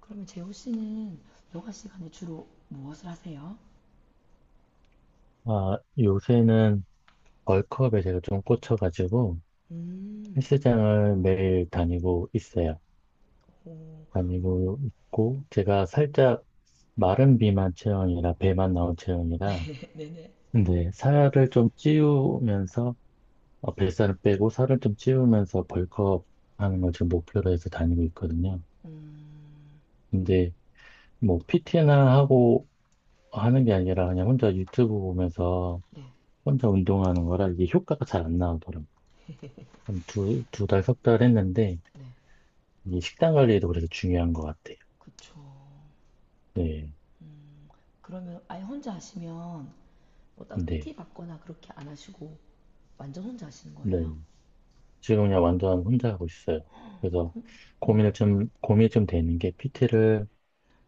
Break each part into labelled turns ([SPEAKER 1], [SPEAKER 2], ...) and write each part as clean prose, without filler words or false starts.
[SPEAKER 1] 그러면 재호 씨는 여가 시간에 주로 무엇을 하세요?
[SPEAKER 2] 아, 요새는 벌크업에 제가 좀 꽂혀가지고
[SPEAKER 1] 음,
[SPEAKER 2] 헬스장을 매일 다니고 있어요.
[SPEAKER 1] 오,
[SPEAKER 2] 다니고 있고 제가 살짝 마른 비만 체형이라 배만 나온 체형이라
[SPEAKER 1] 네네.
[SPEAKER 2] 근데 살을 좀 찌우면서 뱃살을 빼고 살을 좀 찌우면서 벌크업 하는 걸 지금 목표로 해서 다니고 있거든요. 근데 뭐 PT나 하고 하는 게 아니라 그냥 혼자 유튜브 보면서
[SPEAKER 1] 네,
[SPEAKER 2] 혼자 운동하는 거라 이게 효과가 잘 안 나오더라고요. 한 두 달, 석 달 했는데,
[SPEAKER 1] 네,
[SPEAKER 2] 이 식단 관리도 그래서 중요한 것 같아요.
[SPEAKER 1] 그쵸.
[SPEAKER 2] 네,
[SPEAKER 1] 그러면 아예 혼자 하시면 뭐 따로
[SPEAKER 2] 네,
[SPEAKER 1] PT 받거나 그렇게 안 하시고 완전 혼자 하시는
[SPEAKER 2] 네.
[SPEAKER 1] 거예요?
[SPEAKER 2] 지금 그냥 완전 혼자 하고 있어요. 그래서
[SPEAKER 1] 그럼,
[SPEAKER 2] 고민을 좀, 고민이 좀 되는 게 PT를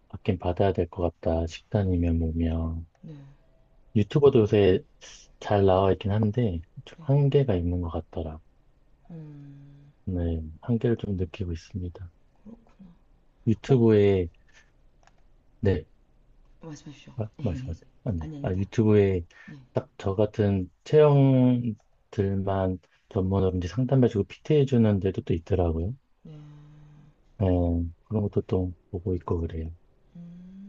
[SPEAKER 2] 받긴 받아야 될 것 같다. 식단이면 뭐면.
[SPEAKER 1] 네,
[SPEAKER 2] 유튜버도 요새 잘 나와 있긴 한데, 좀
[SPEAKER 1] 네.
[SPEAKER 2] 한계가 있는 것 같더라.
[SPEAKER 1] 음,
[SPEAKER 2] 네, 한계를 좀 느끼고 있습니다.
[SPEAKER 1] 그렇구나. 어,
[SPEAKER 2] 유튜브에, 네,
[SPEAKER 1] 말씀하십시오.
[SPEAKER 2] 아,
[SPEAKER 1] 아니,
[SPEAKER 2] 말씀하세요. 아, 네. 아,
[SPEAKER 1] 아닙니다.
[SPEAKER 2] 유튜브에
[SPEAKER 1] 네.
[SPEAKER 2] 딱 저 같은 체형들만 전문으로 이제 상담해주고 PT해주는 데도 또 있더라고요. 어, 그런 것도 또 보고 있고 그래요.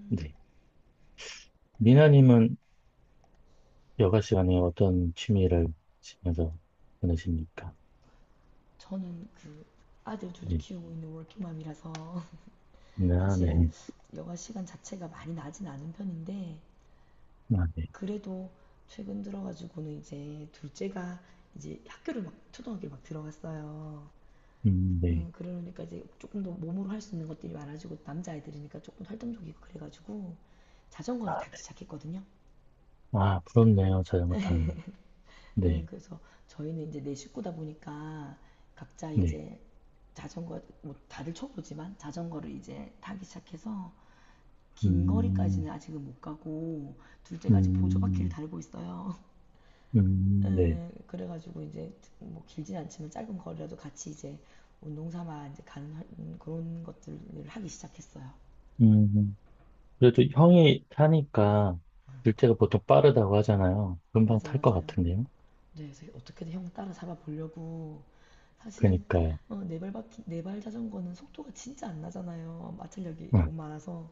[SPEAKER 2] 네. 미나님은 여가 시간에 어떤 취미를 하시면서 보내십니까?
[SPEAKER 1] 저는 그 아들 둘
[SPEAKER 2] 네.
[SPEAKER 1] 키우고 있는 워킹맘이라서
[SPEAKER 2] 네, 아,
[SPEAKER 1] 사실은
[SPEAKER 2] 네.
[SPEAKER 1] 여가 시간 자체가 많이 나진 않은 편인데,
[SPEAKER 2] 아, 네.
[SPEAKER 1] 그래도 최근 들어가지고는 이제 둘째가 이제 학교를, 막 초등학교를 막 들어갔어요.
[SPEAKER 2] 네.
[SPEAKER 1] 그러니까 이제 조금 더 몸으로 할 수 있는 것들이 많아지고, 남자아이들이니까 조금 활동적이고 그래가지고 자전거를
[SPEAKER 2] 아,
[SPEAKER 1] 타기
[SPEAKER 2] 네.
[SPEAKER 1] 시작했거든요.
[SPEAKER 2] 아, 부럽네요. 자전거 타는.
[SPEAKER 1] 예,
[SPEAKER 2] 네.
[SPEAKER 1] 그래서 저희는 이제 네 식구다 보니까 각자
[SPEAKER 2] 네.
[SPEAKER 1] 이제 자전거 뭐 다들 초보지만 자전거를 이제 타기 시작해서 긴
[SPEAKER 2] 음,
[SPEAKER 1] 거리까지는 아직은 못 가고, 둘째가 아직 보조바퀴를
[SPEAKER 2] 음,
[SPEAKER 1] 달고 있어요.
[SPEAKER 2] 네.
[SPEAKER 1] 에, 그래가지고 이제 뭐 길진 않지만 짧은 거리라도 같이 이제 운동 삼아 이제 가는, 그런 것들을 하기 시작했어요.
[SPEAKER 2] 음. 음. 그래도 형이 타니까 둘째가 보통 빠르다고 하잖아요. 금방
[SPEAKER 1] 맞아,
[SPEAKER 2] 탈 것
[SPEAKER 1] 맞아요.
[SPEAKER 2] 같은데요?
[SPEAKER 1] 네, 그래서 어떻게든 형 따라 잡아보려고. 사실은
[SPEAKER 2] 그니까요.
[SPEAKER 1] 어, 네발 바퀴, 네발 자전거는 속도가 진짜 안 나잖아요. 마찰력이
[SPEAKER 2] 응.
[SPEAKER 1] 너무 많아서.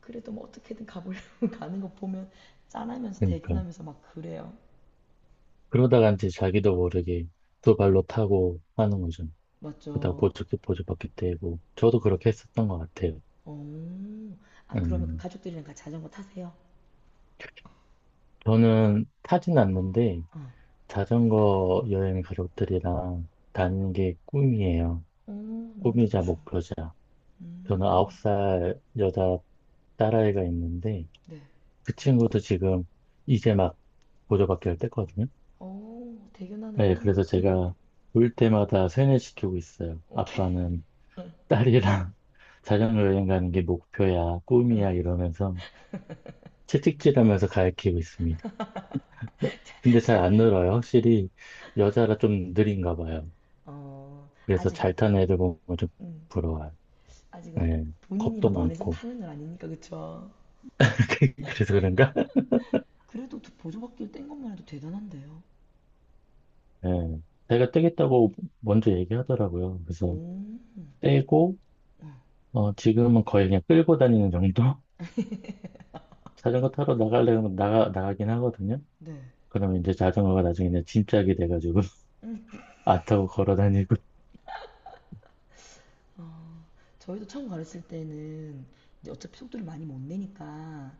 [SPEAKER 1] 그래도 뭐 어떻게든 가보려고 가는 거 보면 짠하면서
[SPEAKER 2] 그니까요.
[SPEAKER 1] 대견하면서 막 그래요.
[SPEAKER 2] 그러다가 이제 자기도 모르게 두 발로 타고 하는 거죠. 그러다
[SPEAKER 1] 맞죠?
[SPEAKER 2] 보조기 보조바퀴 떼고. 저도 그렇게 했었던 것 같아요.
[SPEAKER 1] 어, 아 그러면
[SPEAKER 2] 음.
[SPEAKER 1] 가족들이랑 같이 자전거 타세요?
[SPEAKER 2] 저는 타진 않는데
[SPEAKER 1] 어,
[SPEAKER 2] 자전거 여행 가족들이랑 다니는 게 꿈이에요.
[SPEAKER 1] 어, 너무
[SPEAKER 2] 꿈이자
[SPEAKER 1] 좋죠.
[SPEAKER 2] 목표자. 저는 아홉 살 여자 딸아이가 있는데
[SPEAKER 1] 네.
[SPEAKER 2] 그 친구도 지금 이제 막 보조받기 를 때거든요.
[SPEAKER 1] 어,
[SPEAKER 2] 네,
[SPEAKER 1] 대견하네요.
[SPEAKER 2] 그래서 제가 올 때마다 세뇌시키고 있어요.
[SPEAKER 1] 어떻게.
[SPEAKER 2] 아빠는 딸이랑 자전거 여행 가는 게 목표야, 꿈이야 이러면서 채찍질하면서 가르치고 있습니다. 근데 잘
[SPEAKER 1] 잘,
[SPEAKER 2] 안 늘어요. 확실히 여자라 좀 느린가 봐요.
[SPEAKER 1] 어,
[SPEAKER 2] 그래서
[SPEAKER 1] 아직은,
[SPEAKER 2] 잘 타는 애들 보면 좀
[SPEAKER 1] 음,
[SPEAKER 2] 부러워요.
[SPEAKER 1] 아직은 막
[SPEAKER 2] 네,
[SPEAKER 1] 본인이
[SPEAKER 2] 겁도
[SPEAKER 1] 막 원해서
[SPEAKER 2] 많고.
[SPEAKER 1] 타는 건 아니니까, 그쵸?
[SPEAKER 2] 그래서 그런가?
[SPEAKER 1] 그래도 보조바퀴를 뗀 것만 해도 대단한데요.
[SPEAKER 2] 네, 제가 떼겠다고 먼저 얘기하더라고요.
[SPEAKER 1] 오,
[SPEAKER 2] 그래서 떼고 지금은 거의 그냥 끌고 다니는 정도? 자전거 타러 나갈래 면 나가, 나가긴 하거든요.
[SPEAKER 1] 네.
[SPEAKER 2] 그러면 이제 자전거가 나중에 이제 짐짝이 돼가지고 안 타고 걸어 다니고.
[SPEAKER 1] 어, 저희도 처음 가르칠 때는 이제 어차피 속도를 많이 못 내니까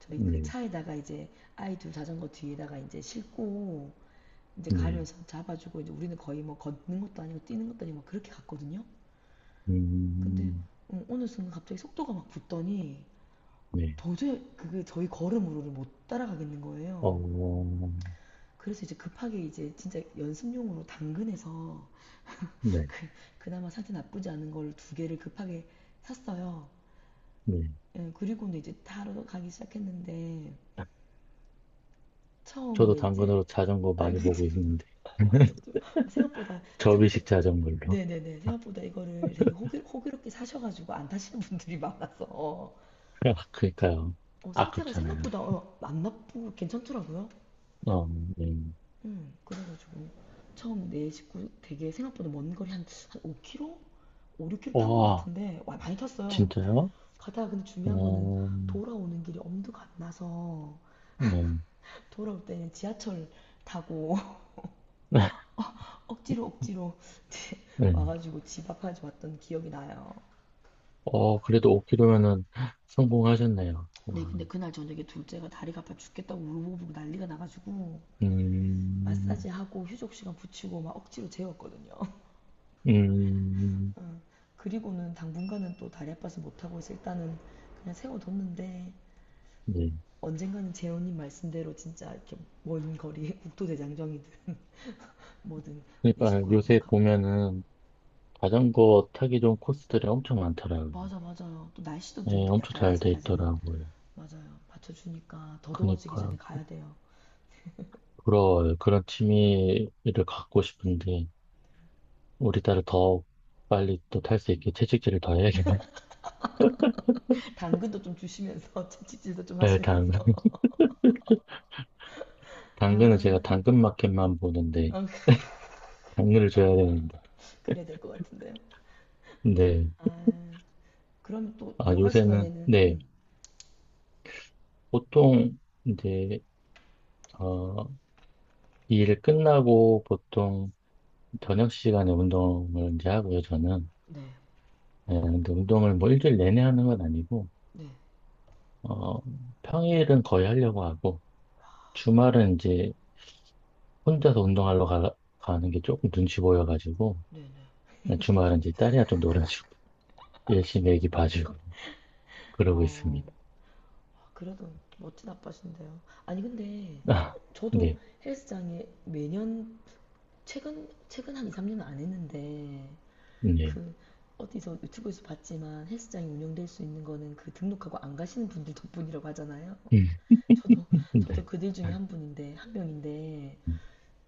[SPEAKER 1] 저희 그
[SPEAKER 2] 네,
[SPEAKER 1] 차에다가 이제 아이 둘 자전거 뒤에다가 이제 싣고 이제
[SPEAKER 2] 네,
[SPEAKER 1] 가면서 잡아주고, 이제 우리는 거의 뭐 걷는 것도 아니고 뛰는 것도 아니고 막 그렇게 갔거든요. 근데
[SPEAKER 2] 음,
[SPEAKER 1] 어느 순간 갑자기 속도가 막 붙더니
[SPEAKER 2] 네,
[SPEAKER 1] 도저히 그 저희 걸음으로를 못 따라가겠는
[SPEAKER 2] 어,
[SPEAKER 1] 거예요. 그래서 이제 급하게 이제 진짜 연습용으로 당근에서
[SPEAKER 2] 네,
[SPEAKER 1] 그, 그나마 상태 나쁘지 않은 걸 두 개를 급하게 샀어요.
[SPEAKER 2] 네.
[SPEAKER 1] 예, 그리고는 이제 타러 가기 시작했는데,
[SPEAKER 2] 저도
[SPEAKER 1] 처음에 이제
[SPEAKER 2] 당근으로 자전거
[SPEAKER 1] 아
[SPEAKER 2] 많이
[SPEAKER 1] 이게
[SPEAKER 2] 보고
[SPEAKER 1] 참
[SPEAKER 2] 있는데.
[SPEAKER 1] 아팠죠. 생각보다. 창도
[SPEAKER 2] 접이식 자전거로.
[SPEAKER 1] 네네네 생각보다 이거를 되게 호기롭게 사셔가지고 안 타시는 분들이 많아서
[SPEAKER 2] 그러니까요.
[SPEAKER 1] 어, 상태가
[SPEAKER 2] 아깝잖아요.
[SPEAKER 1] 생각보다 어, 안 나쁘고 괜찮더라고요.
[SPEAKER 2] 어, 네.
[SPEAKER 1] 응, 그래가지고 처음 내 식구 되게 생각보다 먼 거리 한 5km? 5, 6km 탄 것
[SPEAKER 2] 와,
[SPEAKER 1] 같은데 와, 많이 탔어요.
[SPEAKER 2] 진짜요?
[SPEAKER 1] 가다가 근데 중요한 거는
[SPEAKER 2] 어,
[SPEAKER 1] 돌아오는 길이 엄두가 안 나서
[SPEAKER 2] 네.
[SPEAKER 1] 돌아올 때는 지하철 타고 억지로 억지로
[SPEAKER 2] 네.
[SPEAKER 1] 와가지고 집 앞까지 왔던 기억이 나요.
[SPEAKER 2] 그래도 5km면은 성공하셨네요.
[SPEAKER 1] 네,
[SPEAKER 2] 와.
[SPEAKER 1] 근데 그날 저녁에 둘째가 다리가 아파 죽겠다고 울고불고 난리가 나가지고
[SPEAKER 2] 음,
[SPEAKER 1] 마사지하고 휴족 시간 붙이고 막 억지로 재웠거든요.
[SPEAKER 2] 음,
[SPEAKER 1] 그리고는 당분간은 또 다리 아파서 못하고 있어 일단은 그냥 세워뒀는데,
[SPEAKER 2] 네.
[SPEAKER 1] 언젠가는 재훈님 말씀대로 진짜 이렇게 먼 거리에 국토대장정이든 뭐든 내
[SPEAKER 2] 그러니까
[SPEAKER 1] 식구 한번
[SPEAKER 2] 요새
[SPEAKER 1] 가.
[SPEAKER 2] 보면은 자전거 타기 좋은 코스들이 엄청 많더라고요.
[SPEAKER 1] 맞아, 맞아요. 또 날씨도 좀
[SPEAKER 2] 네, 엄청
[SPEAKER 1] 약간
[SPEAKER 2] 잘 돼
[SPEAKER 1] 아직까지는
[SPEAKER 2] 있더라고요.
[SPEAKER 1] 맞아요, 받쳐주니까 더 더워지기
[SPEAKER 2] 그러니까
[SPEAKER 1] 전에 가야 돼요.
[SPEAKER 2] 부러워요. 그런 취미를 갖고 싶은데 우리 딸을 더 빨리 또 탈 수 있게 채찍질을 더 해야겠네.
[SPEAKER 1] 당근도 좀 주시면서 채찍질도 좀
[SPEAKER 2] 네,
[SPEAKER 1] 하시면서.
[SPEAKER 2] 당근. 당근은 제가
[SPEAKER 1] 아
[SPEAKER 2] 당근마켓만 보는데
[SPEAKER 1] 어,
[SPEAKER 2] 당근을 줘야 되는데.
[SPEAKER 1] 그래야 될 것 같은데요.
[SPEAKER 2] 네.
[SPEAKER 1] 아 그럼 또
[SPEAKER 2] 아,
[SPEAKER 1] 여가
[SPEAKER 2] 요새는
[SPEAKER 1] 시간에는
[SPEAKER 2] 네. 보통 이제 어, 일 끝나고 보통 저녁 시간에 운동을 이제 하고요, 저는.
[SPEAKER 1] 네,
[SPEAKER 2] 네, 근데 운동을 뭐 일주일 내내 하는 건 아니고,
[SPEAKER 1] 네,
[SPEAKER 2] 어, 평일은 거의 하려고 하고, 주말은 이제 혼자서 운동하러 가는 게 조금 눈치 보여가지고,
[SPEAKER 1] 네, 네.
[SPEAKER 2] 예, 주말은 이제 딸이랑 좀 놀아주고, 열심히 애기 봐주고, 그러고
[SPEAKER 1] 어,
[SPEAKER 2] 있습니다.
[SPEAKER 1] 아, 그래도 멋진 아빠신데요. 아니, 근데
[SPEAKER 2] 아,
[SPEAKER 1] 저도
[SPEAKER 2] 네,
[SPEAKER 1] 헬스장에 매년, 최근 한 2, 3년은 안 했는데
[SPEAKER 2] 네,
[SPEAKER 1] 그 어디서 유튜브에서 봤지만 헬스장이 운영될 수 있는 거는 그 등록하고 안 가시는 분들 덕분이라고 하잖아요.
[SPEAKER 2] 음,
[SPEAKER 1] 저도, 저도
[SPEAKER 2] 네,
[SPEAKER 1] 그들 중에 한 분인데, 한 명인데
[SPEAKER 2] 음,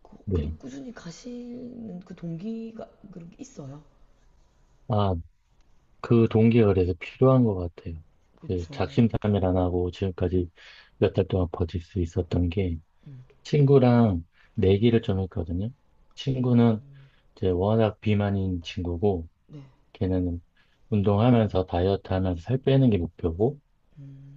[SPEAKER 1] 그,
[SPEAKER 2] 네.
[SPEAKER 1] 그래도 꾸준히 가시는 그 동기가 그런 게 있어요.
[SPEAKER 2] 아, 그 동기가 그래서 필요한 것 같아요. 그
[SPEAKER 1] 그렇죠.
[SPEAKER 2] 작심삼일 안 하고 지금까지 몇 달 동안 버틸 수 있었던 게 친구랑 내기를 좀 했거든요.
[SPEAKER 1] 오,
[SPEAKER 2] 친구는 이제 워낙 비만인 친구고
[SPEAKER 1] 네.
[SPEAKER 2] 걔는 운동하면서 다이어트 하면서 살 빼는 게 목표고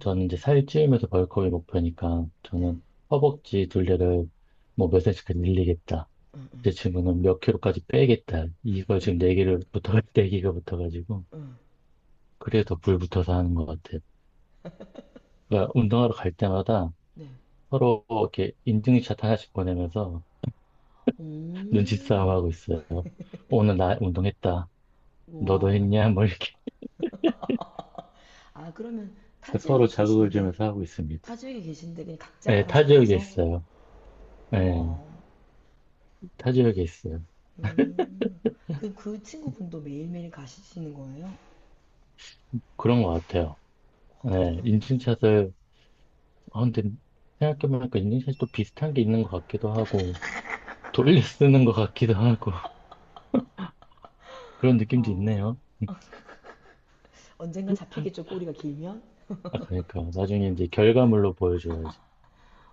[SPEAKER 2] 저는 이제 살 찌우면서 벌크업이 목표니까
[SPEAKER 1] 네.
[SPEAKER 2] 저는 허벅지 둘레를 뭐 몇 센치까지 늘리겠다.
[SPEAKER 1] 응, 응,
[SPEAKER 2] 제 친구는 몇 킬로까지 빼겠다. 이걸 지금 내기를 붙어, 내기가 붙어가지고
[SPEAKER 1] 응.
[SPEAKER 2] 그래서 불 붙어서 하는 것 같아요. 그러니까 운동하러 갈 때마다
[SPEAKER 1] 네.
[SPEAKER 2] 서로 이렇게 인증샷 하나씩 보내면서
[SPEAKER 1] 오,
[SPEAKER 2] 눈치싸움하고 있어요. 오늘 나 운동했다. 너도
[SPEAKER 1] 와.
[SPEAKER 2] 했냐? 뭐 이렇게
[SPEAKER 1] 아, 그러면 타
[SPEAKER 2] 서로
[SPEAKER 1] 지역에
[SPEAKER 2] 자극을
[SPEAKER 1] 계신데,
[SPEAKER 2] 주면서 하고 있습니다.
[SPEAKER 1] 타 지역에 계신데 그냥 각자
[SPEAKER 2] 네, 타
[SPEAKER 1] 알아서
[SPEAKER 2] 지역에
[SPEAKER 1] 가서?
[SPEAKER 2] 있어요. 네,
[SPEAKER 1] 우와.
[SPEAKER 2] 타 지역에 있어요.
[SPEAKER 1] 음. 그 친구분도 매일매일 가시는 거예요?
[SPEAKER 2] 그런 것 같아요.
[SPEAKER 1] 와,
[SPEAKER 2] 네,
[SPEAKER 1] 대단하네요.
[SPEAKER 2] 인증샷을, 아, 근데 생각해보니까 인증샷이 또 비슷한 게 있는 것 같기도 하고, 돌려 쓰는 것 같기도 하고, 그런 느낌도
[SPEAKER 1] 어,
[SPEAKER 2] 있네요.
[SPEAKER 1] 언젠간 잡히겠죠, 꼬리가 길면?
[SPEAKER 2] 아, 그러니까. 나중에 이제 결과물로 보여줘야지.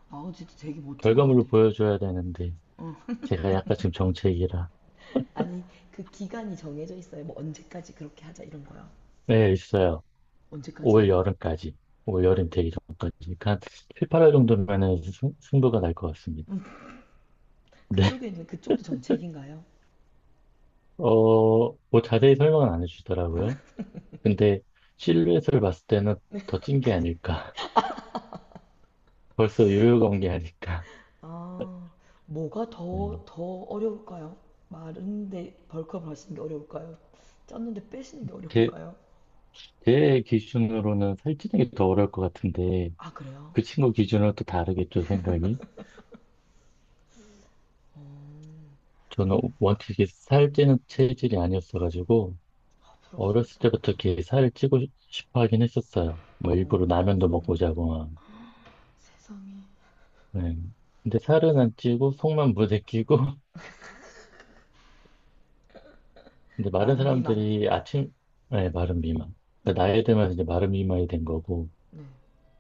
[SPEAKER 1] 아, 진짜 되게 멋진 것
[SPEAKER 2] 결과물로
[SPEAKER 1] 같아요.
[SPEAKER 2] 보여줘야 되는데,
[SPEAKER 1] 어.
[SPEAKER 2] 제가 약간 지금 정체기라.
[SPEAKER 1] 아니, 그 기간이 정해져 있어요? 뭐, 언제까지 그렇게 하자, 이런 거요.
[SPEAKER 2] 네, 있어요. 올
[SPEAKER 1] 언제까지예요?
[SPEAKER 2] 여름까지. 올 여름 되기 전까지. 그러니까 한 7, 8월 정도면은 승부가 날 것 같습니다. 네.
[SPEAKER 1] 그쪽에는, 그쪽도 정책인가요?
[SPEAKER 2] 어, 뭐 자세히 설명은 안 해주시더라고요. 근데 실루엣을 봤을 때는 더 찐 게 아닐까. 벌써 요요가 온 게 아닐까.
[SPEAKER 1] 아, 뭐가 더,
[SPEAKER 2] 네.
[SPEAKER 1] 더 어려울까요? 마른데 벌크업을 하시는 게 어려울까요? 쪘는데 빼시는 게
[SPEAKER 2] 제,
[SPEAKER 1] 어려울까요?
[SPEAKER 2] 제 기준으로는 살찌는 게 더 어려울 것 같은데
[SPEAKER 1] 아, 그래요?
[SPEAKER 2] 그 친구 기준으로 또 다르겠죠, 생각이. 저는 원칙이 살찌는 체질이 아니었어가지고
[SPEAKER 1] 아,
[SPEAKER 2] 어렸을
[SPEAKER 1] 부럽습니다.
[SPEAKER 2] 때부터 이렇게 살을 찌고 싶어 하긴 했었어요. 뭐 일부러 라면도 먹고
[SPEAKER 1] 음,
[SPEAKER 2] 자고 막.
[SPEAKER 1] 세상에.
[SPEAKER 2] 네. 근데 살은 안 찌고 속만 무대끼고 근데 마른
[SPEAKER 1] 마른 비만.
[SPEAKER 2] 사람들이 아침 네, 마른 미만. 그러니까 나이
[SPEAKER 1] 음.
[SPEAKER 2] 들면서 이제 마른 미만이 된 거고
[SPEAKER 1] 네,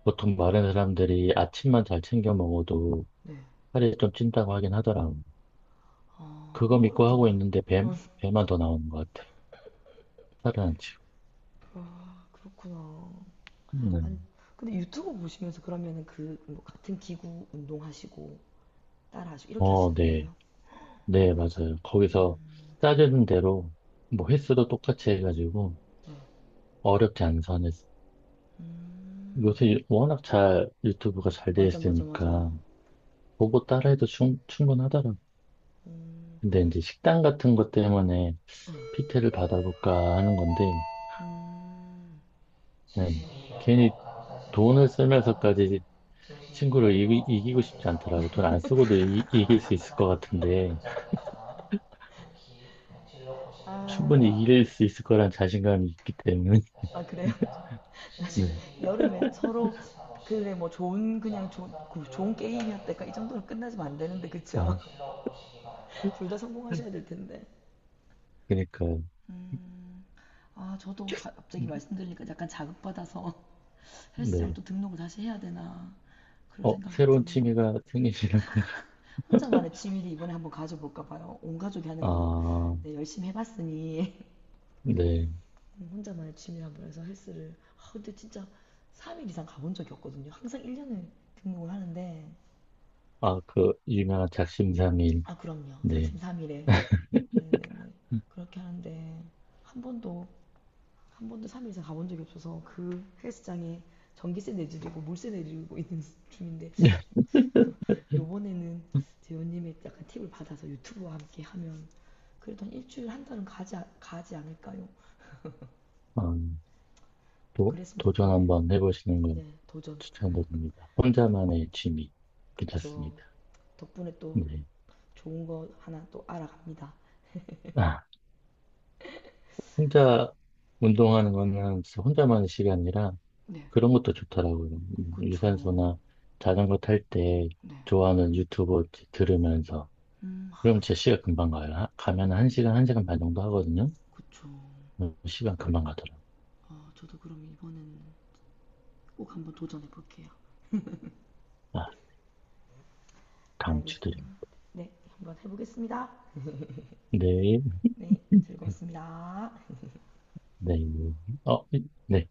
[SPEAKER 2] 보통 마른 사람들이 아침만 잘 챙겨 먹어도
[SPEAKER 1] 네.
[SPEAKER 2] 살이 좀 찐다고 하긴 하더라고.
[SPEAKER 1] 아,
[SPEAKER 2] 그거
[SPEAKER 1] 근데
[SPEAKER 2] 믿고 하고
[SPEAKER 1] 어렵잖아.
[SPEAKER 2] 있는데 뱀 배만 더 나오는 것 같아. 살은 안 찌고.
[SPEAKER 1] 아, 그렇구나.
[SPEAKER 2] 네.
[SPEAKER 1] 아니, 근데 유튜브 보시면서 그러면은 그, 뭐 같은 기구 운동하시고, 따라하시고, 이렇게
[SPEAKER 2] 어,
[SPEAKER 1] 하시는
[SPEAKER 2] 네.
[SPEAKER 1] 거예요?
[SPEAKER 2] 네, 맞아요. 거기서 짜주는 대로 뭐 횟수도 똑같이 해가지고
[SPEAKER 1] 네.
[SPEAKER 2] 어렵게 안 선에서
[SPEAKER 1] 음,
[SPEAKER 2] 요새 워낙 잘 유튜브가 잘 돼
[SPEAKER 1] 맞아, 맞아,
[SPEAKER 2] 있으니까
[SPEAKER 1] 맞아요.
[SPEAKER 2] 보고 따라해도 충분하더라고.
[SPEAKER 1] 음,
[SPEAKER 2] 근데 이제 식단 같은 것 때문에 PT를 받아볼까 하는 건데,
[SPEAKER 1] 음.
[SPEAKER 2] 네. 괜히
[SPEAKER 1] 칠십이명동 간호사실에서
[SPEAKER 2] 돈을
[SPEAKER 1] 아닙니다.
[SPEAKER 2] 쓰면서까지 친구를
[SPEAKER 1] 칠십이명동
[SPEAKER 2] 이기, 고
[SPEAKER 1] 삼재
[SPEAKER 2] 싶지
[SPEAKER 1] 사무실
[SPEAKER 2] 않더라고. 돈 안 쓰고도 이길 수 있을 것
[SPEAKER 1] 정성률
[SPEAKER 2] 같은데,
[SPEAKER 1] 환자분께서는 특히 병실로 오시기 아
[SPEAKER 2] 충분히
[SPEAKER 1] 바랍니다.
[SPEAKER 2] 이길 수 있을 거란 자신감이 있기 때문에,
[SPEAKER 1] 다시 아, 그래요?
[SPEAKER 2] 네.
[SPEAKER 1] 나 여름에 서로 그래 뭐 좋은 그냥 좋은 그 좋은 게임이었다까이 정도로 끝나지면 안 되는데 그쵸?
[SPEAKER 2] 아,
[SPEAKER 1] 둘 다 성공하셔야 될 텐데.
[SPEAKER 2] 그니까,
[SPEAKER 1] 음, 아 저도 갑자기 말씀드리니까 약간 자극받아서 헬스장
[SPEAKER 2] 네.
[SPEAKER 1] 또 등록을 다시 해야 되나 그런
[SPEAKER 2] 어,
[SPEAKER 1] 생각이
[SPEAKER 2] 새로운
[SPEAKER 1] 드네요.
[SPEAKER 2] 취미가 생기시는 건가?
[SPEAKER 1] 혼자만의 취미를 이번에 한번 가져볼까 봐요. 온 가족이 하는 거는
[SPEAKER 2] 아,
[SPEAKER 1] 네, 열심히 해봤으니
[SPEAKER 2] 네.
[SPEAKER 1] 혼자만의 취미를 한번 해서 헬스를. 아 근데 진짜 3일 이상 가본 적이 없거든요. 항상 1년을 등록을 하는데
[SPEAKER 2] 아, 그, 유명한 작심삼일.
[SPEAKER 1] 아 그럼요.
[SPEAKER 2] 네.
[SPEAKER 1] 작심 3일에 네네네 그렇게 하는데 한 번도 한 번도 3일 이상 가본 적이 없어서 그 헬스장에 전기세 내드리고 물세 내드리고 있는 중인데 요번에는 재훈님의 약간 팁을 받아서 유튜브와 함께 하면 그래도 한 일주일 한 달은 가지 않을까요?
[SPEAKER 2] 음,
[SPEAKER 1] 꼭
[SPEAKER 2] 도,
[SPEAKER 1] 그랬으면
[SPEAKER 2] 도전
[SPEAKER 1] 좋겠네요.
[SPEAKER 2] 한번 해보시는 건
[SPEAKER 1] 네, 도전.
[SPEAKER 2] 추천드립니다.
[SPEAKER 1] 또,
[SPEAKER 2] 혼자만의 취미.
[SPEAKER 1] 그쵸.
[SPEAKER 2] 괜찮습니다.
[SPEAKER 1] 덕분에 또
[SPEAKER 2] 네.
[SPEAKER 1] 좋은 거 하나 또 알아갑니다.
[SPEAKER 2] 아, 혼자 운동하는 거는 진짜 혼자만의 시간이라
[SPEAKER 1] 네,
[SPEAKER 2] 그런 것도 좋더라고요.
[SPEAKER 1] 그쵸.
[SPEAKER 2] 유산소나 자전거 탈 때
[SPEAKER 1] 네,
[SPEAKER 2] 좋아하는 유튜브 이렇게 들으면서.
[SPEAKER 1] 음,
[SPEAKER 2] 그럼 제 시간 금방 가요. 가면 한 시간, 한 시간 반 정도 하거든요.
[SPEAKER 1] 그쵸.
[SPEAKER 2] 시간 금방 가더라고요.
[SPEAKER 1] 아, 저도 그럼 이번에는 꼭 한번 도전해 볼게요.
[SPEAKER 2] 아,
[SPEAKER 1] 알겠습니다.
[SPEAKER 2] 강추드립니다.
[SPEAKER 1] 네, 한번 해보겠습니다.
[SPEAKER 2] 네.
[SPEAKER 1] 네, 즐거웠습니다.
[SPEAKER 2] 네. 어, 네.